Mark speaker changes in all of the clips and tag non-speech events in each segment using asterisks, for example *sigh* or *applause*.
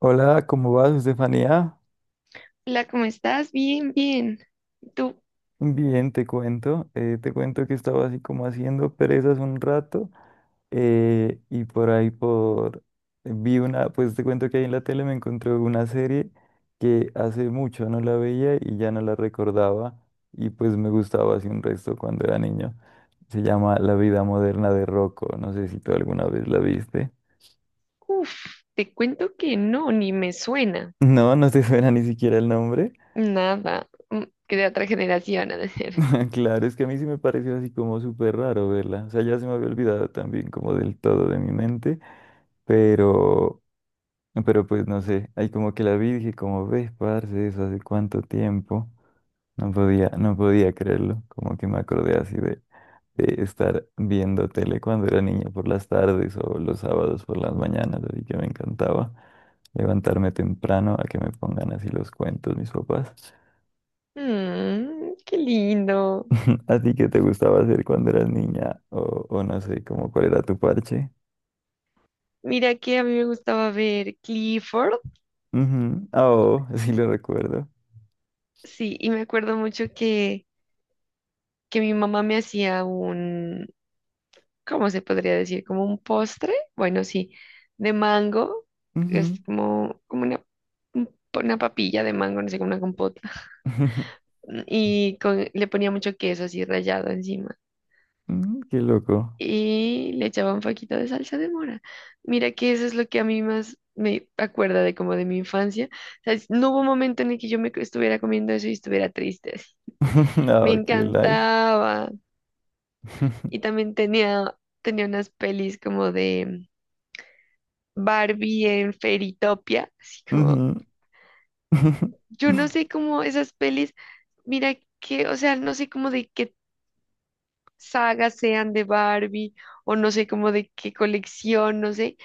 Speaker 1: Hola, ¿cómo vas, Estefanía?
Speaker 2: Hola, ¿cómo estás? Bien, bien. Tú,
Speaker 1: Bien, te cuento. Te cuento que estaba así como haciendo perezas un rato, y por ahí por... Pues te cuento que ahí en la tele me encontré una serie que hace mucho no la veía y ya no la recordaba, y pues me gustaba así un resto cuando era niño. Se llama La vida moderna de Rocco. No sé si tú alguna vez la viste. *laughs*
Speaker 2: uff, te cuento que no, ni me suena.
Speaker 1: No, no te suena ni siquiera el nombre.
Speaker 2: Nada. Que de otra generación, *laughs* a decir.
Speaker 1: *laughs* Claro, es que a mí sí me pareció así como súper raro verla. O sea, ya se me había olvidado también como del todo de mi mente, pero, pero pues no sé, ahí como que la vi y dije como, ves, parce, eso hace cuánto tiempo. No podía creerlo, como que me acordé así de estar viendo tele cuando era niño por las tardes o los sábados por las mañanas, así que me encantaba levantarme temprano a que me pongan así los cuentos mis papás.
Speaker 2: Mmm, qué lindo.
Speaker 1: *laughs* ¿A ti qué te gustaba hacer cuando eras niña? O no sé, como cuál era tu parche.
Speaker 2: Mira que a mí me gustaba ver Clifford.
Speaker 1: Ujú. Ah, oh, *laughs* sí lo recuerdo.
Speaker 2: Sí, y me acuerdo mucho que mi mamá me hacía un, ¿cómo se podría decir? Como un postre. Bueno, sí, de mango.
Speaker 1: Ujú.
Speaker 2: Es como, como una, una papilla de mango, no sé, como una compota
Speaker 1: *laughs*
Speaker 2: y le ponía mucho queso así rallado encima
Speaker 1: Mm, qué loco.
Speaker 2: y le echaba un poquito de salsa de mora. Mira que eso es lo que a mí más me acuerda de como de mi infancia. O sea, no hubo un momento en el que yo me estuviera comiendo eso y estuviera triste.
Speaker 1: *laughs*
Speaker 2: *laughs* Me
Speaker 1: No, qué life.
Speaker 2: encantaba. Y
Speaker 1: *laughs*
Speaker 2: también tenía unas pelis como de Barbie en Fairytopia, así como,
Speaker 1: Ujú. *laughs*
Speaker 2: yo no sé cómo esas pelis, mira que, o sea, no sé cómo de qué sagas sean de Barbie o no sé como de qué colección, no sé,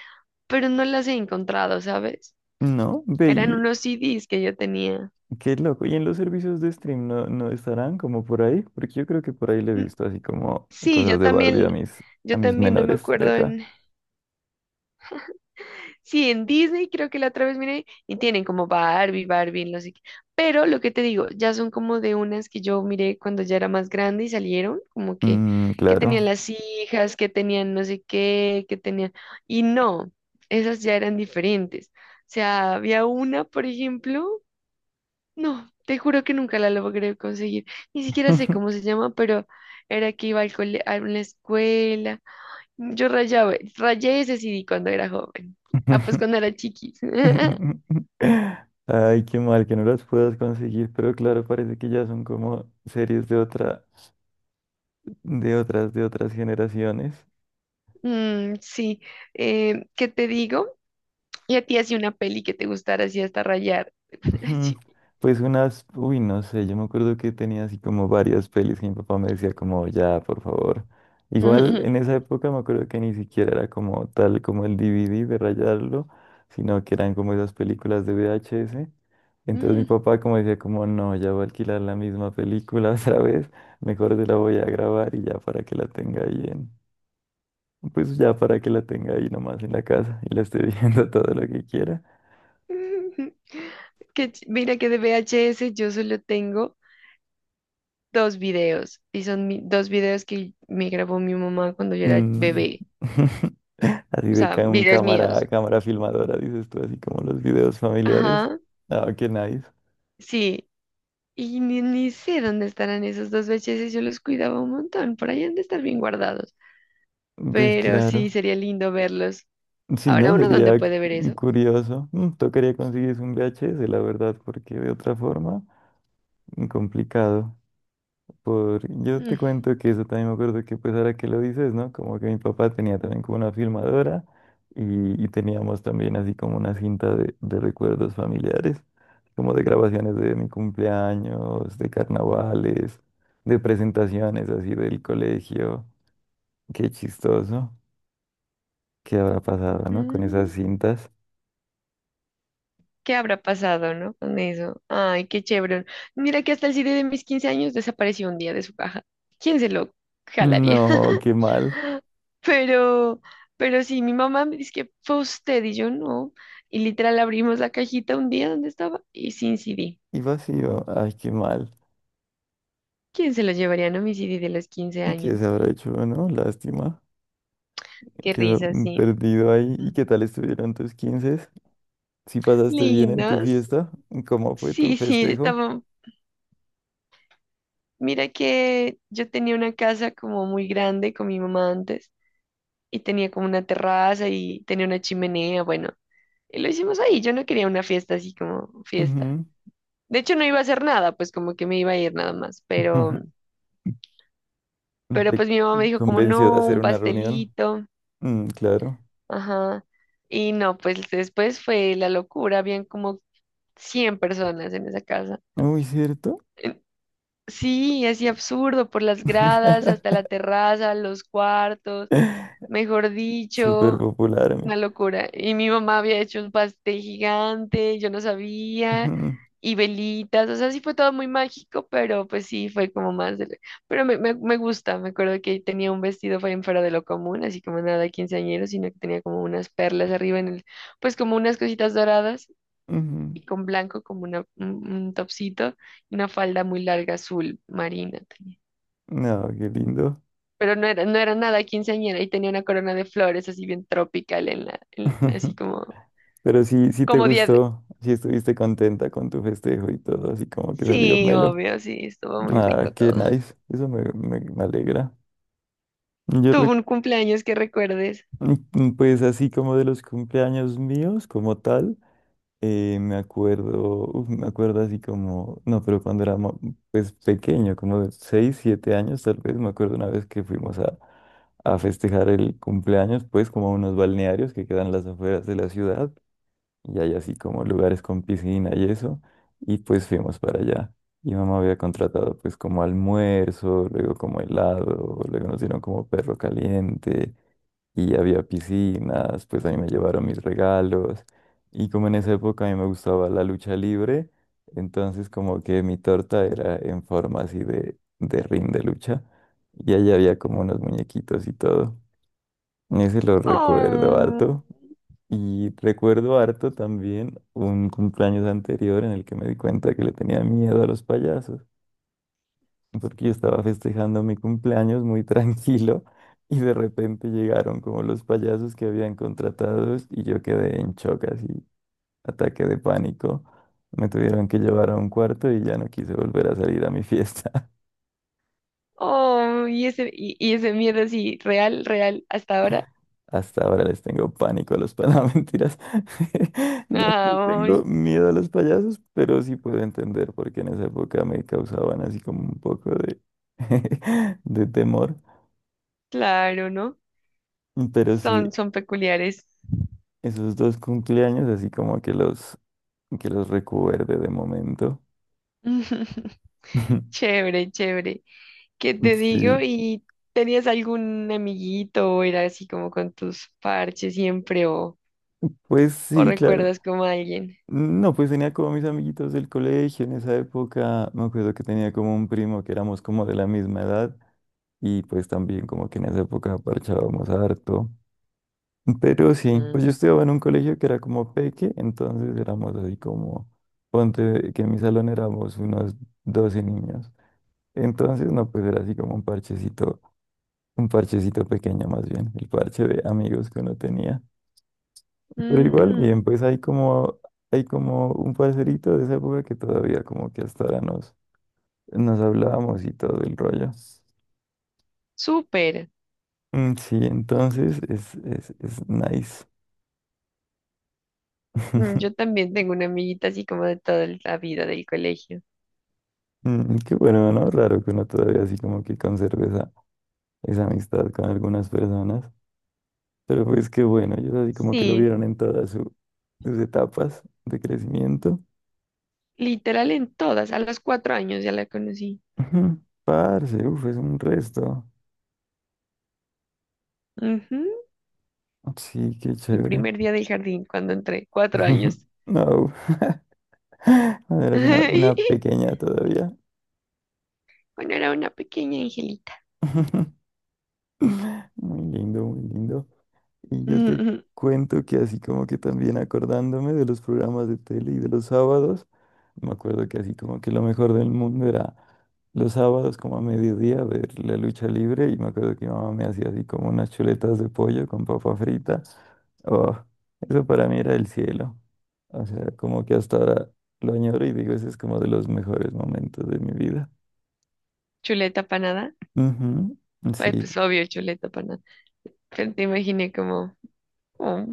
Speaker 2: pero no las he encontrado, ¿sabes?
Speaker 1: No, ve,
Speaker 2: Eran
Speaker 1: y-
Speaker 2: unos CDs que yo tenía.
Speaker 1: qué loco. ¿Y en los servicios de stream no, no estarán como por ahí? Porque yo creo que por ahí le he
Speaker 2: Mm,
Speaker 1: visto así como
Speaker 2: sí,
Speaker 1: cosas de Barbie a mis, a
Speaker 2: yo
Speaker 1: mis
Speaker 2: también no me
Speaker 1: menores de
Speaker 2: acuerdo
Speaker 1: acá.
Speaker 2: en. Sí, en Disney creo que la otra vez miré y tienen como Barbie, no sé qué. Pero lo que te digo, ya son como de unas que yo miré cuando ya era más grande y salieron, como
Speaker 1: Mm,
Speaker 2: que
Speaker 1: claro.
Speaker 2: tenían las hijas, que tenían no sé qué, que tenían... Y no, esas ya eran diferentes. O sea, había una, por ejemplo, no, te juro que nunca la logré conseguir. Ni siquiera sé cómo se
Speaker 1: *laughs*
Speaker 2: llama, pero era que iba al a una escuela. Yo rayé ese CD cuando era joven. Ah, pues cuando era chiquis. *laughs*
Speaker 1: *laughs* Ay, qué mal que no las puedas conseguir, pero claro, parece que ya son como series de otra, de otras generaciones.
Speaker 2: Mm, sí. ¿Qué te digo? Y a ti hacía una peli que te gustara así hasta rayar, *laughs* cuando era
Speaker 1: Ujú.
Speaker 2: chiqui.
Speaker 1: Pues unas, uy, no sé, yo me acuerdo que tenía así como varias pelis que mi papá me decía como, ya, por favor. Igual en esa
Speaker 2: *laughs*
Speaker 1: época me acuerdo que ni siquiera era como tal como el DVD de rayarlo, sino que eran como esas películas de VHS. Entonces mi
Speaker 2: Mm.
Speaker 1: papá como decía como, no, ya voy a alquilar la misma película *laughs* otra vez, mejor te la voy a grabar y ya para que la tenga ahí en, pues ya para que la tenga ahí nomás en la casa y la esté *laughs* viendo todo lo que quiera.
Speaker 2: *laughs* Que mira que de VHS yo solo tengo dos videos y son dos videos que me grabó mi mamá cuando yo era
Speaker 1: Mm.
Speaker 2: bebé,
Speaker 1: *laughs* Así
Speaker 2: o
Speaker 1: de
Speaker 2: sea,
Speaker 1: ca- un
Speaker 2: videos
Speaker 1: cámara,
Speaker 2: míos.
Speaker 1: cámara filmadora, dices tú, así como los videos familiares.
Speaker 2: Ajá,
Speaker 1: Ah, qué nice.
Speaker 2: sí. Y ni, ni sé dónde estarán esos dos VHS, yo los cuidaba un montón, por ahí han de estar bien guardados.
Speaker 1: Ves,
Speaker 2: Pero sí,
Speaker 1: claro.
Speaker 2: sería lindo verlos.
Speaker 1: Sí, ¿no?
Speaker 2: Ahora uno dónde
Speaker 1: Sería
Speaker 2: puede ver eso.
Speaker 1: curioso. Mm, tocaría conseguir un VHS, la verdad, porque de otra forma, complicado. Yo te
Speaker 2: Mm,
Speaker 1: cuento que eso también me acuerdo que pues ahora que lo dices, ¿no? Como que mi papá tenía también como una filmadora y teníamos también así como una cinta de recuerdos familiares, como de grabaciones de mi cumpleaños, de carnavales, de presentaciones así del colegio. Qué chistoso. ¿Qué habrá pasado, no? Con esas
Speaker 2: mm,
Speaker 1: cintas.
Speaker 2: ¿qué habrá pasado, no? Con eso. Ay, qué chévere. Mira que hasta el CD de mis 15 años desapareció un día de su caja. ¿Quién se lo jalaría?
Speaker 1: No, qué mal.
Speaker 2: *laughs* Pero, pero sí, mi mamá me dice que fue usted y yo no. Y literal abrimos la cajita un día donde estaba y sin CD.
Speaker 1: Y vacío. Ay, qué mal.
Speaker 2: ¿Quién se los llevaría a un homicidio de los 15
Speaker 1: ¿Qué se
Speaker 2: años?
Speaker 1: habrá hecho, no? Lástima.
Speaker 2: Qué
Speaker 1: Quedó
Speaker 2: risa, sí.
Speaker 1: perdido ahí. ¿Y
Speaker 2: Mm.
Speaker 1: qué tal estuvieron tus 15? ¿Si pasaste bien en tu
Speaker 2: Lindos.
Speaker 1: fiesta? ¿Cómo fue tu
Speaker 2: Sí, sí,
Speaker 1: festejo?
Speaker 2: estaba. Mira que yo tenía una casa como muy grande con mi mamá antes y tenía como una terraza y tenía una chimenea, bueno, y lo hicimos ahí. Yo no quería una fiesta así como fiesta.
Speaker 1: Ujú.
Speaker 2: De hecho, no iba a hacer nada, pues como que me iba a ir nada más,
Speaker 1: *laughs*
Speaker 2: pero
Speaker 1: ¿Te
Speaker 2: pues mi mamá me dijo como
Speaker 1: convenció de
Speaker 2: no,
Speaker 1: hacer
Speaker 2: un
Speaker 1: una reunión?
Speaker 2: pastelito.
Speaker 1: Mm, claro.
Speaker 2: Ajá. Y no, pues después fue la locura, habían como 100 personas en esa casa.
Speaker 1: Uy, ¿cierto?
Speaker 2: Eh, Sí, así absurdo, por las gradas, hasta la
Speaker 1: *laughs*
Speaker 2: terraza, los cuartos, mejor
Speaker 1: Súper
Speaker 2: dicho,
Speaker 1: popular. Mi.
Speaker 2: una locura. Y mi mamá había hecho un pastel gigante, yo no sabía,
Speaker 1: Ujú,
Speaker 2: y velitas, o sea, sí fue todo muy mágico, pero pues sí, fue como más de... Pero me gusta, me acuerdo que tenía un vestido fue fuera de lo común, así como nada quinceañero, sino que tenía como unas perlas arriba en el, pues como unas cositas doradas
Speaker 1: ujú.
Speaker 2: y con blanco como una, un topsito y una falda muy larga azul marina tenía.
Speaker 1: No, qué lindo.
Speaker 2: Pero no no era nada quinceañera y tenía una corona de flores así bien tropical en la, así
Speaker 1: *laughs*
Speaker 2: como
Speaker 1: Pero sí, sí te
Speaker 2: como día.
Speaker 1: gustó, sí estuviste contenta con tu festejo y todo, así como que salió
Speaker 2: Sí,
Speaker 1: melo.
Speaker 2: obvio, sí, estuvo muy
Speaker 1: Ah,
Speaker 2: rico
Speaker 1: qué
Speaker 2: todo.
Speaker 1: nice. Eso me alegra. Yo
Speaker 2: Tuvo un cumpleaños que recuerdes.
Speaker 1: Mm, pues así como de los cumpleaños míos, como tal, me acuerdo, uf, me acuerdo así como, no, pero cuando era pues pequeño, como de 6, 7 años tal vez, me acuerdo una vez que fuimos a festejar el cumpleaños, pues como a unos balnearios que quedan a las afueras de la ciudad, y hay así como lugares con piscina y eso, y pues fuimos para allá. Y mamá había contratado pues como almuerzo, luego como helado, luego nos dieron como perro caliente y había piscinas, pues ahí me llevaron mis regalos. Y como en esa época a mí me gustaba la lucha libre, entonces como que mi torta era en forma así de ring de lucha. Y ahí había como unos muñequitos y todo. Ese lo recuerdo
Speaker 2: Oh,
Speaker 1: harto. Y recuerdo harto también un cumpleaños anterior en el que me di cuenta que le tenía miedo a los payasos, porque yo estaba festejando mi cumpleaños muy *laughs* tranquilo y de repente llegaron como los payasos que habían contratados y yo quedé en shock, así, ataque de pánico. Me tuvieron que llevar a un cuarto y ya no quise volver a salir a mi fiesta.
Speaker 2: oh, y ese miedo así, real, real, hasta ahora.
Speaker 1: *laughs* Hasta ahora les tengo pánico a los payasos, *laughs* mentiras. *laughs* Ya no les tengo
Speaker 2: Ay,
Speaker 1: miedo a los payasos, pero sí puedo entender por qué en esa época me causaban así como un poco de, *laughs* de temor.
Speaker 2: claro, ¿no?
Speaker 1: Pero
Speaker 2: Son,
Speaker 1: sí,
Speaker 2: son peculiares.
Speaker 1: esos dos cumpleaños, así como que que los recuerde de momento.
Speaker 2: *laughs*
Speaker 1: *laughs*
Speaker 2: Chévere, chévere. ¿Qué te digo?
Speaker 1: Sí,
Speaker 2: ¿Y tenías algún amiguito o era así como con tus parches siempre
Speaker 1: pues
Speaker 2: o
Speaker 1: sí, claro.
Speaker 2: recuerdas como a alguien?
Speaker 1: No, pues tenía como mis amiguitos del colegio en esa época. Me acuerdo que tenía como un primo que éramos como de la misma edad y pues también como que en esa época parchábamos harto. Pero sí,
Speaker 2: Mm.
Speaker 1: pues yo estudiaba en un colegio que era como peque, entonces éramos así como, ponte que en mi salón éramos unos 12 niños. Entonces, no, pues era así como un parchecito. Un parchecito pequeño más bien, el parche de amigos que uno tenía. Pero igual,
Speaker 2: Mm,
Speaker 1: bien, pues hay como un parcerito de esa época que todavía como que hasta ahora nos hablábamos y todo el rollo.
Speaker 2: súper.
Speaker 1: Mm, sí, entonces es nice.
Speaker 2: Mm, yo
Speaker 1: *laughs*
Speaker 2: también tengo una amiguita así como de toda la vida del colegio.
Speaker 1: Mm, qué bueno, ¿no? Raro que uno todavía así como que conserve esa amistad con algunas personas. Pero pues qué bueno, ellos así como que lo
Speaker 2: Sí,
Speaker 1: vieron en todas sus etapas de crecimiento.
Speaker 2: literal en todas. A los cuatro años ya la conocí.
Speaker 1: Ujú, parce, uf, es un resto.
Speaker 2: Ujú.
Speaker 1: Sí, qué
Speaker 2: El
Speaker 1: chévere.
Speaker 2: primer día del jardín cuando entré, cuatro
Speaker 1: *laughs*
Speaker 2: años.
Speaker 1: No, *laughs* cuando eras una
Speaker 2: *laughs*
Speaker 1: pequeña todavía.
Speaker 2: Bueno, era una pequeña angelita.
Speaker 1: *laughs* Muy lindo, muy lindo. Y
Speaker 2: *laughs*
Speaker 1: yo te
Speaker 2: Ujú.
Speaker 1: cuento que así como que también acordándome de los programas de tele y de los sábados. Me acuerdo que así como que lo mejor del mundo era los sábados como a mediodía ver la lucha libre y me acuerdo que mi mamá me hacía así como unas chuletas de pollo con papa frita. Oh, eso para mí era el cielo. O sea, como que hasta ahora lo añoro y digo, ese es como de los mejores momentos de mi vida.
Speaker 2: Chuleta panada.
Speaker 1: Ujú,
Speaker 2: Ay,
Speaker 1: sí,
Speaker 2: pues obvio, chuleta panada. Pero te imaginé como, oh,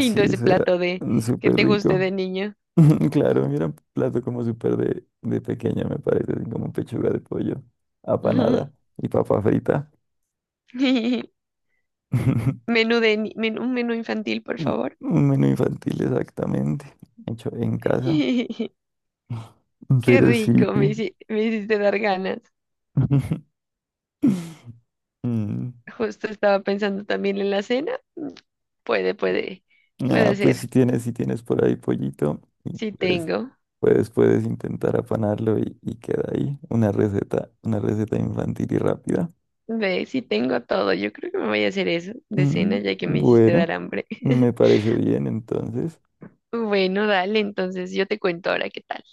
Speaker 1: sí,
Speaker 2: ese
Speaker 1: eso era
Speaker 2: plato de que
Speaker 1: súper
Speaker 2: te guste
Speaker 1: rico.
Speaker 2: de niño.
Speaker 1: *laughs* Claro, mira, un plato como súper de pequeño, me parece, así como pechuga de pollo,
Speaker 2: Ujú.
Speaker 1: apanada y papa frita.
Speaker 2: *laughs*
Speaker 1: *laughs*
Speaker 2: Menú de, ni- menú, un menú infantil, por
Speaker 1: Un
Speaker 2: favor.
Speaker 1: un menú infantil, exactamente. Hecho en casa.
Speaker 2: *laughs*
Speaker 1: *laughs*
Speaker 2: Qué
Speaker 1: Pero sí,
Speaker 2: rico,
Speaker 1: pi.
Speaker 2: me hiciste dar ganas.
Speaker 1: *laughs* Mm,
Speaker 2: Justo estaba pensando también en la cena. Mm, Puede, puede, puede
Speaker 1: ah, pues si
Speaker 2: ser.
Speaker 1: tienes, si tienes por ahí pollito, y
Speaker 2: Si
Speaker 1: puedes,
Speaker 2: tengo,
Speaker 1: puedes, puedes intentar apanarlo y queda ahí. Una receta infantil y rápida.
Speaker 2: ve, si tengo todo. Yo creo que me voy a hacer eso de
Speaker 1: Mm,
Speaker 2: cena ya que me hiciste
Speaker 1: bueno,
Speaker 2: dar hambre.
Speaker 1: me
Speaker 2: *laughs*
Speaker 1: parece bien entonces.
Speaker 2: Bueno, dale, entonces yo te cuento ahora qué tal.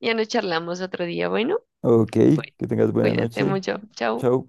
Speaker 2: Ya nos charlamos otro día. Bueno,
Speaker 1: Ok,
Speaker 2: cu-
Speaker 1: que tengas buena
Speaker 2: cuídate
Speaker 1: noche.
Speaker 2: mucho. Chao.
Speaker 1: Chao.